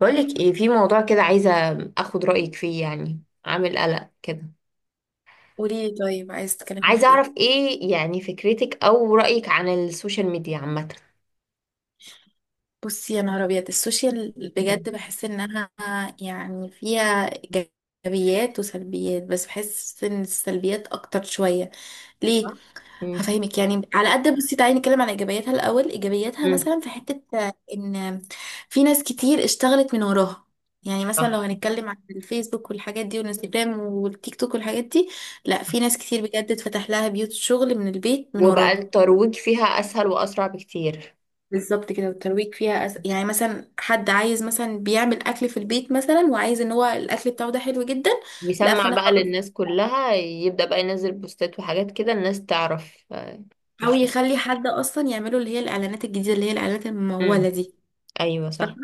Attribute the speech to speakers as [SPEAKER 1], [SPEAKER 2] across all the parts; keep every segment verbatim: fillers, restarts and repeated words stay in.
[SPEAKER 1] بقولك ايه في موضوع كده عايزة اخد رأيك فيه يعني عامل قلق كده.
[SPEAKER 2] قولي لي، طيب عايز تتكلمي
[SPEAKER 1] عايزة
[SPEAKER 2] في ايه؟
[SPEAKER 1] اعرف ايه يعني فكرتك او رأيك عن السوشيال ميديا عامة.
[SPEAKER 2] بصي يا نهار ابيض، السوشيال
[SPEAKER 1] مم.
[SPEAKER 2] بجد بحس انها يعني فيها ايجابيات وسلبيات، بس بحس ان السلبيات اكتر شويه. ليه؟
[SPEAKER 1] صح. مم.
[SPEAKER 2] هفهمك يعني على قد. بصي تعالي نتكلم على ايجابياتها الاول. ايجابياتها
[SPEAKER 1] مم.
[SPEAKER 2] مثلا في حته آه، ان في ناس كتير اشتغلت من وراها. يعني مثلا لو
[SPEAKER 1] صح.
[SPEAKER 2] هنتكلم عن الفيسبوك والحاجات دي والانستجرام والتيك توك والحاجات دي، لا في ناس كتير بجد اتفتح لها بيوت شغل من البيت من
[SPEAKER 1] وبقى
[SPEAKER 2] وراها.
[SPEAKER 1] الترويج فيها اسهل واسرع بكتير.
[SPEAKER 2] بالظبط كده، والترويج فيها أس... يعني مثلا حد عايز مثلا بيعمل اكل في البيت مثلا، وعايز ان هو الاكل بتاعه ده حلو جدا، لا
[SPEAKER 1] بيسمع
[SPEAKER 2] فانا
[SPEAKER 1] بقى
[SPEAKER 2] خلاص،
[SPEAKER 1] للناس كلها يبدأ بقى ينزل بوستات وحاجات كده الناس تعرف آه،
[SPEAKER 2] او
[SPEAKER 1] الشخص.
[SPEAKER 2] يخلي حد اصلا يعمله، اللي هي الاعلانات الجديده اللي هي الاعلانات
[SPEAKER 1] مم.
[SPEAKER 2] المموله دي.
[SPEAKER 1] ايوه صح.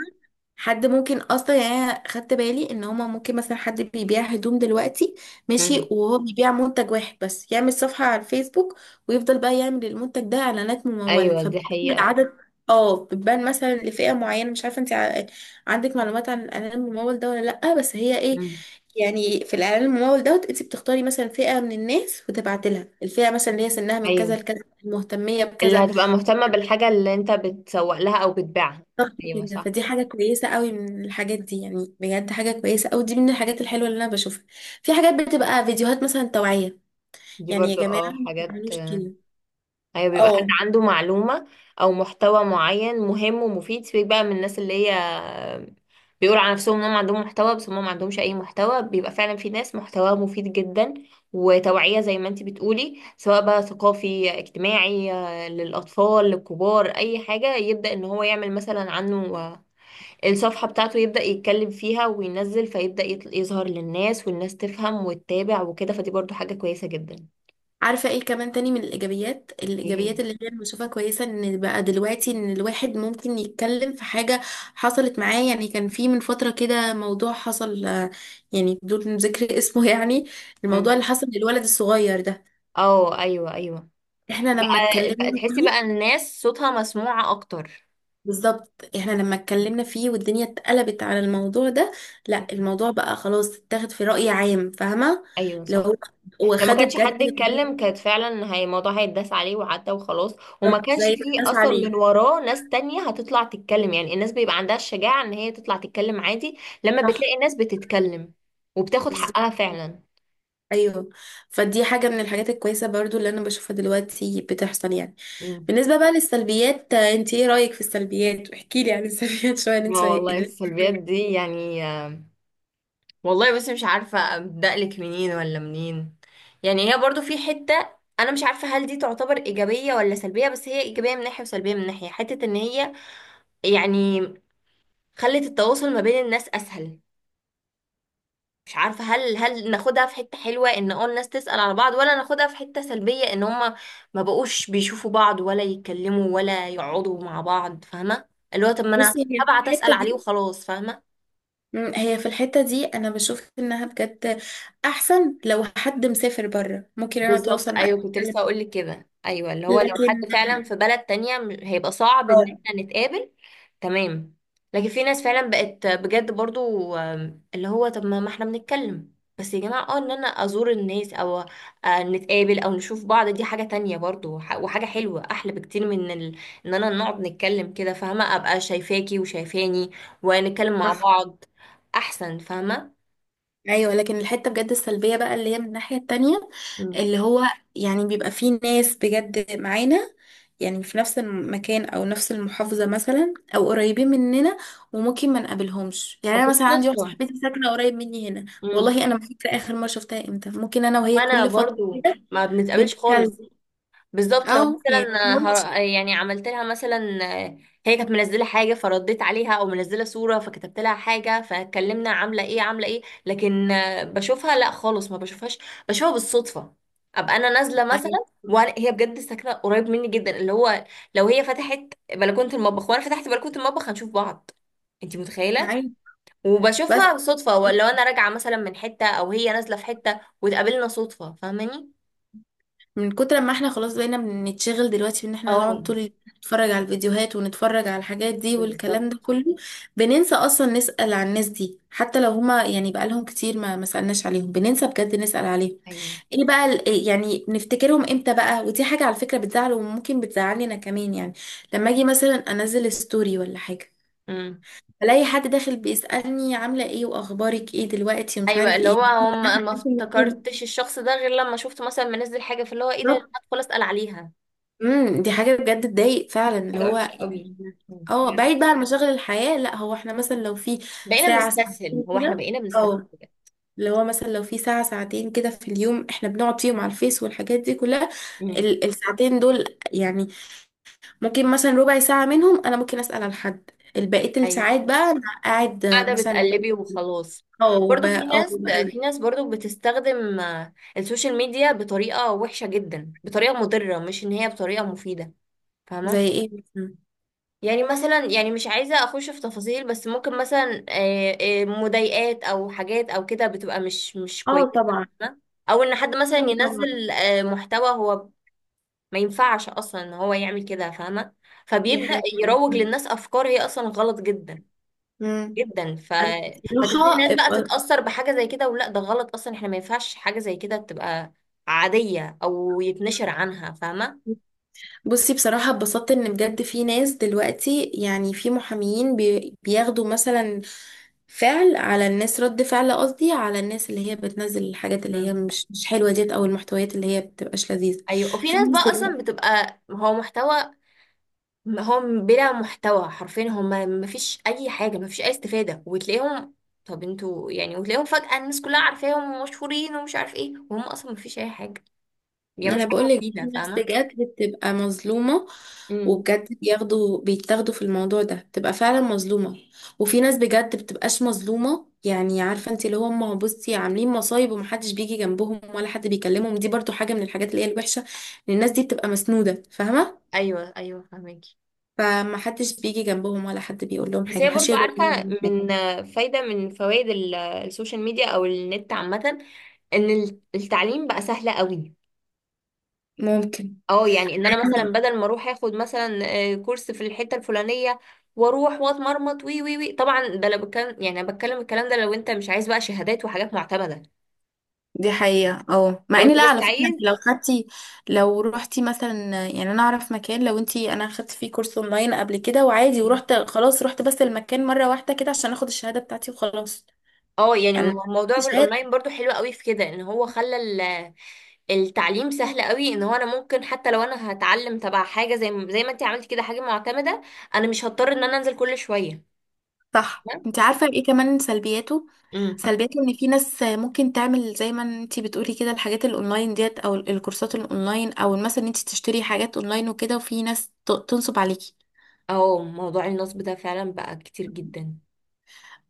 [SPEAKER 2] حد ممكن اصلا، يعني أنا خدت بالي ان هما ممكن مثلا حد بيبيع هدوم دلوقتي ماشي،
[SPEAKER 1] مم.
[SPEAKER 2] وهو بيبيع منتج واحد بس يعمل صفحة على الفيسبوك، ويفضل بقى يعمل المنتج ده اعلانات ممولة
[SPEAKER 1] ايوه دي
[SPEAKER 2] فبتبان
[SPEAKER 1] حقيقة.
[SPEAKER 2] عدد. اه بتبان مثلا لفئة معينة. مش عارفة انت ع- عندك معلومات عن الاعلان الممول ده ولا لأ؟ بس هي ايه،
[SPEAKER 1] مم.
[SPEAKER 2] يعني في الاعلان الممول دوت، انت بتختاري مثلا فئة من الناس وتبعتي لها الفئة، مثلا اللي هي سنها من كذا
[SPEAKER 1] ايوه
[SPEAKER 2] لكذا، المهتمية
[SPEAKER 1] اللي
[SPEAKER 2] بكذا.
[SPEAKER 1] هتبقى مهتمة بالحاجة اللي انت بتسوق لها او بتبيعها.
[SPEAKER 2] بالظبط
[SPEAKER 1] ايوه
[SPEAKER 2] كده،
[SPEAKER 1] صح.
[SPEAKER 2] فدي حاجة كويسة قوي من الحاجات دي، يعني بجد حاجة كويسة قوي. دي من الحاجات الحلوة اللي انا بشوفها. في حاجات بتبقى فيديوهات مثلا توعية،
[SPEAKER 1] دي
[SPEAKER 2] يعني يا
[SPEAKER 1] برضو
[SPEAKER 2] جماعة
[SPEAKER 1] اه
[SPEAKER 2] ما
[SPEAKER 1] حاجات
[SPEAKER 2] تعملوش
[SPEAKER 1] آه،
[SPEAKER 2] كده.
[SPEAKER 1] ايوه بيبقى حد
[SPEAKER 2] اه
[SPEAKER 1] عنده معلومة او محتوى معين مهم ومفيد. سيبك بقى من الناس اللي هي آه، بيقولوا على نفسهم انهم عندهم محتوى بس هم ما عندهمش اي محتوى، بيبقى فعلا في ناس محتوى مفيد جدا وتوعية زي ما انتي بتقولي، سواء بقى ثقافي اجتماعي آه، للاطفال للكبار اي حاجة، يبدأ ان هو يعمل مثلا عنه آه، الصفحة بتاعته يبدأ يتكلم فيها وينزل، فيبدأ يطل- يظهر للناس والناس تفهم وتتابع وكده، فدي برضو حاجة كويسة جدا.
[SPEAKER 2] عارفة ايه كمان تاني من الايجابيات؟
[SPEAKER 1] ايه.
[SPEAKER 2] الايجابيات اللي هي أنا بشوفها كويسة، ان بقى دلوقتي ان الواحد ممكن يتكلم في حاجة حصلت معاه. يعني كان في من فترة كده موضوع حصل، آه، يعني بدون ذكر اسمه. يعني الموضوع اللي حصل للولد الصغير ده،
[SPEAKER 1] اه ايوه ايوه.
[SPEAKER 2] احنا لما
[SPEAKER 1] بقى
[SPEAKER 2] اتكلمنا
[SPEAKER 1] تحسي بقى
[SPEAKER 2] فيه
[SPEAKER 1] الناس صوتها مسموعة اكتر.
[SPEAKER 2] بالظبط، احنا لما اتكلمنا فيه والدنيا اتقلبت على الموضوع ده، لا الموضوع بقى خلاص اتاخد في رأي عام، فاهمة؟
[SPEAKER 1] ايوه صح.
[SPEAKER 2] لو
[SPEAKER 1] لو ما
[SPEAKER 2] واخدوا
[SPEAKER 1] كانش حد
[SPEAKER 2] بجد
[SPEAKER 1] اتكلم كانت فعلا هي، الموضوع هيتداس عليه وعدى وخلاص، وما كانش
[SPEAKER 2] زي ما
[SPEAKER 1] فيه
[SPEAKER 2] الناس
[SPEAKER 1] اصلا
[SPEAKER 2] عليه.
[SPEAKER 1] من وراه ناس تانية هتطلع تتكلم. يعني الناس بيبقى عندها الشجاعة ان هي تطلع تتكلم عادي لما
[SPEAKER 2] صح،
[SPEAKER 1] بتلاقي الناس بتتكلم، وبتاخد
[SPEAKER 2] بالظبط.
[SPEAKER 1] حقها فعلا.
[SPEAKER 2] ايوه، فدي حاجة من الحاجات الكويسة برضو اللي انا بشوفها دلوقتي بتحصل يعني.
[SPEAKER 1] مم.
[SPEAKER 2] بالنسبة بقى للسلبيات، آه، انت ايه رأيك في السلبيات؟ احكي لي عن السلبيات شوية. انت
[SPEAKER 1] اه
[SPEAKER 2] شايف-
[SPEAKER 1] والله السلبيات دي يعني، والله بس مش عارفة أبدأ لك منين ولا منين. يعني هي برضو في حتة، أنا مش عارفة هل دي تعتبر إيجابية ولا سلبية، بس هي إيجابية من ناحية وسلبية من ناحية. حتة إن هي يعني خلت التواصل ما بين الناس أسهل. مش عارفة هل هل ناخدها في حتة حلوة إن اه الناس تسأل على بعض، ولا ناخدها في حتة سلبية إن هما ما بقوش بيشوفوا بعض ولا يتكلموا ولا يقعدوا مع بعض، فاهمة؟ اللي هو طب ما أنا
[SPEAKER 2] بصي هي
[SPEAKER 1] هبعت أسأل
[SPEAKER 2] الحتة
[SPEAKER 1] عليه
[SPEAKER 2] دي،
[SPEAKER 1] وخلاص، فاهمة؟
[SPEAKER 2] مم، هي في الحتة دي أنا بشوف إنها بجد أحسن. لو حد مسافر بره ممكن أنا
[SPEAKER 1] بالظبط
[SPEAKER 2] أتواصل معاه
[SPEAKER 1] ايوه، كنت لسه هقول
[SPEAKER 2] وأتكلم،
[SPEAKER 1] لك كده. ايوه اللي هو لو حد
[SPEAKER 2] لكن
[SPEAKER 1] فعلا في بلد تانية م- هيبقى صعب ان
[SPEAKER 2] اه
[SPEAKER 1] احنا نتقابل. تمام. لكن في ناس فعلا بقت بجد برضو آم، اللي هو طب ما ما احنا بنتكلم، بس يا جماعة اه ان انا ازور الناس او آه، نتقابل او نشوف بعض، دي حاجة تانية برضو وح- وحاجة حلوة احلى بكتير من ال... ان انا نقعد نتكلم كده. فاهمة؟ ابقى شايفاكي وشايفاني ونتكلم مع
[SPEAKER 2] صح،
[SPEAKER 1] بعض، احسن. فاهمة؟
[SPEAKER 2] أيوه. لكن الحتة بجد السلبية بقى اللي هي من الناحية التانية،
[SPEAKER 1] مم.
[SPEAKER 2] اللي هو يعني بيبقى فيه ناس بجد معانا، يعني في نفس المكان أو نفس المحافظة مثلا، أو قريبين مننا وممكن ما نقابلهمش. يعني أنا مثلا عندي واحدة
[SPEAKER 1] بالصدفة.
[SPEAKER 2] صاحبتي ساكنة قريب مني هنا، والله أنا ما فاكرة آخر مرة شفتها إمتى. ممكن أنا وهي
[SPEAKER 1] وانا
[SPEAKER 2] كل فترة
[SPEAKER 1] برضو
[SPEAKER 2] كده
[SPEAKER 1] ما بنتقابلش
[SPEAKER 2] بنتكلم،
[SPEAKER 1] خالص. بالظبط. لو
[SPEAKER 2] اه يعني
[SPEAKER 1] مثلا
[SPEAKER 2] متحاولش
[SPEAKER 1] هر... يعني عملت لها مثلا، هي كانت منزله حاجه فرديت عليها، او منزله صوره فكتبت لها حاجه، فاتكلمنا عامله ايه عامله ايه. لكن بشوفها لا، خالص ما بشوفهاش. بشوفها بالصدفه. ابقى انا نازله
[SPEAKER 2] يعني
[SPEAKER 1] مثلا وهي بجد ساكنه قريب مني جدا، اللي هو لو هي فتحت بلكونه المطبخ وانا فتحت بلكونه المطبخ هنشوف بعض. انت متخيله؟
[SPEAKER 2] معايا، بس
[SPEAKER 1] وبشوفها صدفه، ولو انا راجعه مثلا من حته او هي نازله في حته واتقابلنا صدفه. فاهماني؟
[SPEAKER 2] من كتر ما احنا خلاص بقينا بنتشغل دلوقتي، بان احنا نقعد
[SPEAKER 1] اه.
[SPEAKER 2] طول اليوم نتفرج على الفيديوهات ونتفرج على الحاجات دي والكلام
[SPEAKER 1] بالظبط.
[SPEAKER 2] ده كله، بننسى اصلا نسأل على الناس دي. حتى لو هما يعني بقالهم كتير ما ما سألناش عليهم، بننسى بجد نسأل عليهم.
[SPEAKER 1] ايوه.
[SPEAKER 2] ايه بقى ال- إيه يعني نفتكرهم امتى بقى؟ ودي حاجة على فكرة بتزعل، وممكن بتزعلني انا كمان يعني، لما اجي مثلا انزل ستوري ولا حاجة،
[SPEAKER 1] امم.
[SPEAKER 2] الاقي حد داخل بيسألني عاملة ايه واخبارك ايه دلوقتي ومش
[SPEAKER 1] ايوه
[SPEAKER 2] عارف
[SPEAKER 1] اللي
[SPEAKER 2] ايه.
[SPEAKER 1] هو هم، ما افتكرتش الشخص ده غير لما شفت مثلا منزل حاجه، فاللي هو ايه ده،
[SPEAKER 2] بالظبط.
[SPEAKER 1] هدخل اسال عليها.
[SPEAKER 2] امم دي حاجة بجد تضايق فعلا اللي
[SPEAKER 1] حاجة
[SPEAKER 2] هو
[SPEAKER 1] وحشة قوي.
[SPEAKER 2] يعني.
[SPEAKER 1] مم.
[SPEAKER 2] اه
[SPEAKER 1] فعلا.
[SPEAKER 2] بعيد بقى عن مشاغل الحياة، لا هو احنا مثلا لو في
[SPEAKER 1] بقينا
[SPEAKER 2] ساعة
[SPEAKER 1] بنستسهل،
[SPEAKER 2] ساعتين
[SPEAKER 1] هو احنا
[SPEAKER 2] كده،
[SPEAKER 1] بقينا بنستسهل.
[SPEAKER 2] اه اللي هو مثلا لو في ساعة ساعتين كده في اليوم احنا بنقعد فيهم على الفيس والحاجات دي كلها،
[SPEAKER 1] مم.
[SPEAKER 2] ال- الساعتين دول يعني ممكن مثلا ربع ساعة منهم انا ممكن اسأل على حد، البقية
[SPEAKER 1] ايوه.
[SPEAKER 2] الساعات بقى انا قاعد
[SPEAKER 1] قاعده
[SPEAKER 2] مثلا،
[SPEAKER 1] بتقلبي وخلاص.
[SPEAKER 2] اه ب-
[SPEAKER 1] برضو في
[SPEAKER 2] اه
[SPEAKER 1] ناس،
[SPEAKER 2] بقلب.
[SPEAKER 1] في ناس برضو بتستخدم آه، السوشيال ميديا بطريقه وحشه جدا، بطريقه مضره، مش ان هي بطريقه مفيده. فاهمه؟
[SPEAKER 2] زي ايه مثلا؟
[SPEAKER 1] يعني مثلا، يعني مش عايزة اخش في تفاصيل، بس ممكن مثلا آه، آه، مضايقات او حاجات او كده، بتبقى مش مش
[SPEAKER 2] اه
[SPEAKER 1] كويسة.
[SPEAKER 2] طبعا.
[SPEAKER 1] فاهمة؟ او ان حد مثلا
[SPEAKER 2] ايوه طبعا،
[SPEAKER 1] ينزل آه، محتوى هو ما ينفعش اصلا ان هو يعمل كده. فاهمة؟
[SPEAKER 2] دي
[SPEAKER 1] فبيبدأ
[SPEAKER 2] حاجة.
[SPEAKER 1] يروج للناس افكار هي اصلا غلط جدا
[SPEAKER 2] امم
[SPEAKER 1] جدا ف...
[SPEAKER 2] انا
[SPEAKER 1] فتبتدي
[SPEAKER 2] بصراحة
[SPEAKER 1] الناس بقى تتأثر بحاجة زي كده، ولا ده غلط اصلا، احنا ما ينفعش حاجة زي كده تبقى عادية او يتنشر عنها. فاهمة؟
[SPEAKER 2] بصي، بصراحة اتبسطت ان بجد في ناس دلوقتي يعني في محاميين بي- بياخدوا مثلا فعل على الناس، رد فعل قصدي، على الناس اللي هي بتنزل الحاجات اللي هي
[SPEAKER 1] مم.
[SPEAKER 2] مش مش حلوة ديت، او المحتويات اللي هي بتبقاش لذيذة.
[SPEAKER 1] ايوه. وفي
[SPEAKER 2] في
[SPEAKER 1] ناس
[SPEAKER 2] ناس،
[SPEAKER 1] بقى اصلا بتبقى هو محتوى م- هم بلا محتوى، حرفيا هم مفيش اي حاجه، مفيش اي استفاده، وتلاقيهم، طب انتوا يعني؟ وتلاقيهم فجاه الناس كلها عارفاهم ومشهورين ومش عارف ايه، وهم اصلا مفيش اي حاجه، يعني مش
[SPEAKER 2] انا
[SPEAKER 1] حاجه
[SPEAKER 2] بقول لك
[SPEAKER 1] مفيده.
[SPEAKER 2] ناس
[SPEAKER 1] فاهمه؟
[SPEAKER 2] بجد بتبقى مظلومه،
[SPEAKER 1] امم.
[SPEAKER 2] وبجد بياخدوا بيتاخدوا في الموضوع ده، بتبقى فعلا مظلومه. وفي ناس بجد بتبقاش مظلومه، يعني عارفه انت اللي هم بصي عاملين مصايب، ومحدش بيجي جنبهم ولا حد بيكلمهم. دي برضو حاجه من الحاجات اللي هي الوحشه، ان الناس دي بتبقى مسنوده، فاهمه؟
[SPEAKER 1] ايوه ايوه فاهمكي.
[SPEAKER 2] فمحدش بيجي جنبهم ولا حد بيقول لهم
[SPEAKER 1] بس
[SPEAKER 2] حاجه،
[SPEAKER 1] هي
[SPEAKER 2] محدش
[SPEAKER 1] برضو،
[SPEAKER 2] يقدر يقول
[SPEAKER 1] عارفه،
[SPEAKER 2] لهم حاجه.
[SPEAKER 1] من فايده من فوائد ال- السوشيال ميديا او النت عامه، ان التعليم بقى سهل قوي.
[SPEAKER 2] ممكن.
[SPEAKER 1] اه يعني ان انا مثلا بدل ما اروح اخد مثلا آه، كورس في الحته الفلانيه، واروح واتمرمط وي وي وي. طبعا ده لو بتكلم، يعني انا بتكلم الكلام ده لو انت مش عايز بقى شهادات وحاجات معتمده،
[SPEAKER 2] دي حقيقة، اه مع
[SPEAKER 1] لو انت
[SPEAKER 2] ان لا،
[SPEAKER 1] بس
[SPEAKER 2] على فكرة، انت
[SPEAKER 1] عايز.
[SPEAKER 2] لو خدتي، لو روحتي مثلا، يعني انا اعرف مكان، لو انت، انا خدت فيه كورس اونلاين قبل كده وعادي ورحت خلاص، رحت بس المكان مرة واحدة كده عشان اخد الشهادة بتاعتي وخلاص.
[SPEAKER 1] اه يعني
[SPEAKER 2] يعني
[SPEAKER 1] مو- موضوع الاونلاين
[SPEAKER 2] الشهادة.
[SPEAKER 1] برضو حلو قوي في كده، ان هو خلى ال- التعليم سهل قوي، ان هو انا ممكن حتى لو انا هتعلم تبع حاجه زي ما- زي ما انت عملت كده حاجه معتمده، انا مش هضطر ان انا انزل كل شويه.
[SPEAKER 2] صح، انت عارفة ايه كمان سلبياته؟
[SPEAKER 1] امم.
[SPEAKER 2] سلبياته ان في ناس ممكن تعمل زي ما انت بتقولي كده، الحاجات الاونلاين ديت او الكورسات الاونلاين، او مثلا انت تشتري حاجات اونلاين وكده، وفي ناس ت- تنصب عليكي
[SPEAKER 1] اه موضوع النصب ده فعلا بقى كتير جدا.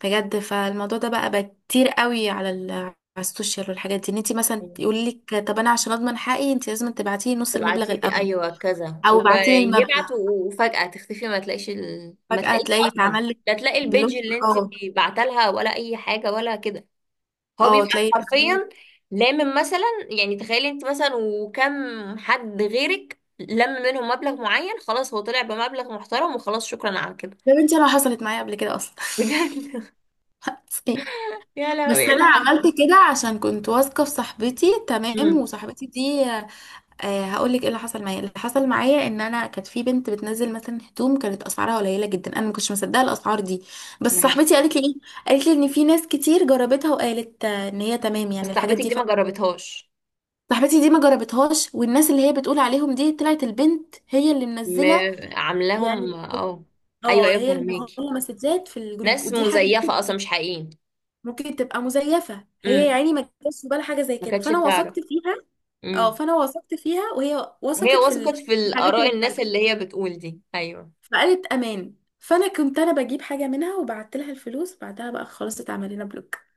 [SPEAKER 2] بجد. فالموضوع ده بقى بقى كتير قوي على ال على السوشيال والحاجات دي، ان انت مثلا يقول لك طب انا عشان اضمن حقي انت لازم تبعتي لي نص المبلغ
[SPEAKER 1] تبعتي لي
[SPEAKER 2] الاول،
[SPEAKER 1] ايوه كذا،
[SPEAKER 2] او بعتي لي المبلغ
[SPEAKER 1] ويبعت و- وفجأة تختفي، ما تلاقيش ال... ما
[SPEAKER 2] فجأة
[SPEAKER 1] تلاقيش
[SPEAKER 2] تلاقي
[SPEAKER 1] اصلا.
[SPEAKER 2] اتعمل لك
[SPEAKER 1] لا تلاقي البيج
[SPEAKER 2] بلوك.
[SPEAKER 1] اللي انت
[SPEAKER 2] اه
[SPEAKER 1] بعتلها ولا اي حاجه ولا كده. هو
[SPEAKER 2] اه
[SPEAKER 1] بيبقى
[SPEAKER 2] تلاقي اتعمل لك.
[SPEAKER 1] حرفيا لامم مثلا، يعني تخيلي انت مثلا وكم حد غيرك لم منهم مبلغ معين، خلاص هو طلع بمبلغ محترم وخلاص، شكرا على كده.
[SPEAKER 2] يا بنتي انا حصلت معايا قبل كده اصلا.
[SPEAKER 1] بجد؟ يا لهوي،
[SPEAKER 2] بس
[SPEAKER 1] ايه اللي
[SPEAKER 2] انا عملت
[SPEAKER 1] حصل؟
[SPEAKER 2] كده عشان كنت واثقه في صاحبتي تمام،
[SPEAKER 1] امم.
[SPEAKER 2] وصاحبتي دي، أه هقول لك ايه اللي حصل معايا. اللي حصل معايا ان انا كانت في بنت بتنزل مثلا هدوم، كانت اسعارها قليله جدا، انا ما كنتش مصدقه الاسعار دي، بس
[SPEAKER 1] ماشي.
[SPEAKER 2] صاحبتي قالت لي ايه، قالت لي ان في ناس كتير جربتها، وقالت آه، ان هي تمام
[SPEAKER 1] بس
[SPEAKER 2] يعني الحاجات
[SPEAKER 1] صاحبتك
[SPEAKER 2] دي
[SPEAKER 1] دي ما
[SPEAKER 2] فعلا.
[SPEAKER 1] جربتهاش؟
[SPEAKER 2] صاحبتي دي ما جربتهاش، والناس اللي هي بتقول عليهم دي طلعت البنت هي اللي
[SPEAKER 1] م...
[SPEAKER 2] منزله،
[SPEAKER 1] عاملاهم
[SPEAKER 2] يعني
[SPEAKER 1] اه. ايوه
[SPEAKER 2] اه
[SPEAKER 1] ايوه
[SPEAKER 2] هي اللي
[SPEAKER 1] فهماكي.
[SPEAKER 2] منزله مسجات في الجروب.
[SPEAKER 1] ناس
[SPEAKER 2] ودي حاجه،
[SPEAKER 1] مزيفة أصلا، مش حقيقيين.
[SPEAKER 2] ممكن تبقى مزيفه هي، يا
[SPEAKER 1] امم.
[SPEAKER 2] عيني ما جاتش في بالها حاجه زي
[SPEAKER 1] ما
[SPEAKER 2] كده،
[SPEAKER 1] كانتش
[SPEAKER 2] فانا
[SPEAKER 1] تعرف.
[SPEAKER 2] وثقت فيها. اه
[SPEAKER 1] امم.
[SPEAKER 2] فانا وثقت فيها، وهي
[SPEAKER 1] وهي
[SPEAKER 2] وثقت في
[SPEAKER 1] وثقت في
[SPEAKER 2] الحاجات
[SPEAKER 1] الآراء
[SPEAKER 2] اللي
[SPEAKER 1] الناس
[SPEAKER 2] اتنزلت.
[SPEAKER 1] اللي هي بتقول دي. أيوه.
[SPEAKER 2] فقالت امان، فانا كنت انا بجيب حاجه منها، وبعت لها الفلوس، بعدها بقى خلاص اتعمل لنا بلوك.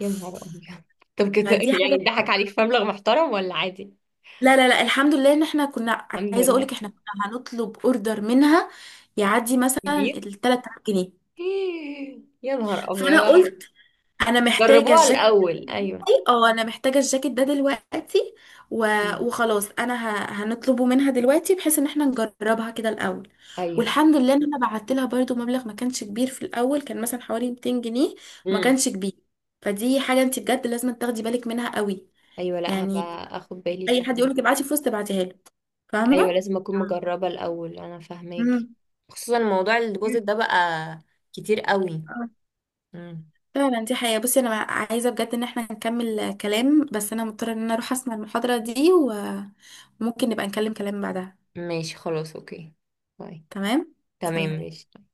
[SPEAKER 1] يا نهار أبيض. طب كده
[SPEAKER 2] ما دي
[SPEAKER 1] يعني
[SPEAKER 2] حاجه،
[SPEAKER 1] اتضحك عليك في مبلغ محترم ولا عادي؟
[SPEAKER 2] لا لا لا، الحمد لله ان احنا كنا.
[SPEAKER 1] الحمد
[SPEAKER 2] عايزه اقولك،
[SPEAKER 1] لله.
[SPEAKER 2] احنا كنا هنطلب اوردر منها يعدي مثلا
[SPEAKER 1] كبير.
[SPEAKER 2] ال ثلاثة آلاف جنيه.
[SPEAKER 1] إيه، يا نهار
[SPEAKER 2] فانا
[SPEAKER 1] أبيض.
[SPEAKER 2] قلت، انا محتاجه
[SPEAKER 1] جربوها
[SPEAKER 2] الجاكيت ده
[SPEAKER 1] الأول، أيوه.
[SPEAKER 2] دلوقتي، اه انا محتاجه الجاكيت ده دلوقتي، و...
[SPEAKER 1] مم.
[SPEAKER 2] وخلاص انا ه... هنطلبه منها دلوقتي بحيث ان احنا نجربها كده الاول.
[SPEAKER 1] أيوه.
[SPEAKER 2] والحمد لله ان انا بعت لها برضو مبلغ ما كانش كبير في الاول، كان مثلا حوالي ميتين جنيه، ما
[SPEAKER 1] امم.
[SPEAKER 2] كانش كبير. فدي حاجه انت بجد لازم تاخدي بالك منها قوي،
[SPEAKER 1] أيوه لا،
[SPEAKER 2] يعني
[SPEAKER 1] هبقى أخد بالي
[SPEAKER 2] اي حد
[SPEAKER 1] فعلا.
[SPEAKER 2] يقولك ابعتي فلوس تبعتيها له،
[SPEAKER 1] أيوه
[SPEAKER 2] فاهمه؟
[SPEAKER 1] لازم أكون مجربة الأول. أنا فاهماكي.
[SPEAKER 2] امم
[SPEAKER 1] خصوصا موضوع الديبوزيت ده بقى كتير قوي. امم.
[SPEAKER 2] فعلا دي حقيقة. بصي انا عايزة بجد ان احنا نكمل كلام، بس انا مضطرة ان انا اروح اسمع المحاضرة دي، و- وممكن نبقى نكلم كلام بعدها.
[SPEAKER 1] ماشي خلاص، أوكي. باي.
[SPEAKER 2] تمام.
[SPEAKER 1] تمام
[SPEAKER 2] سلام.
[SPEAKER 1] ماشي.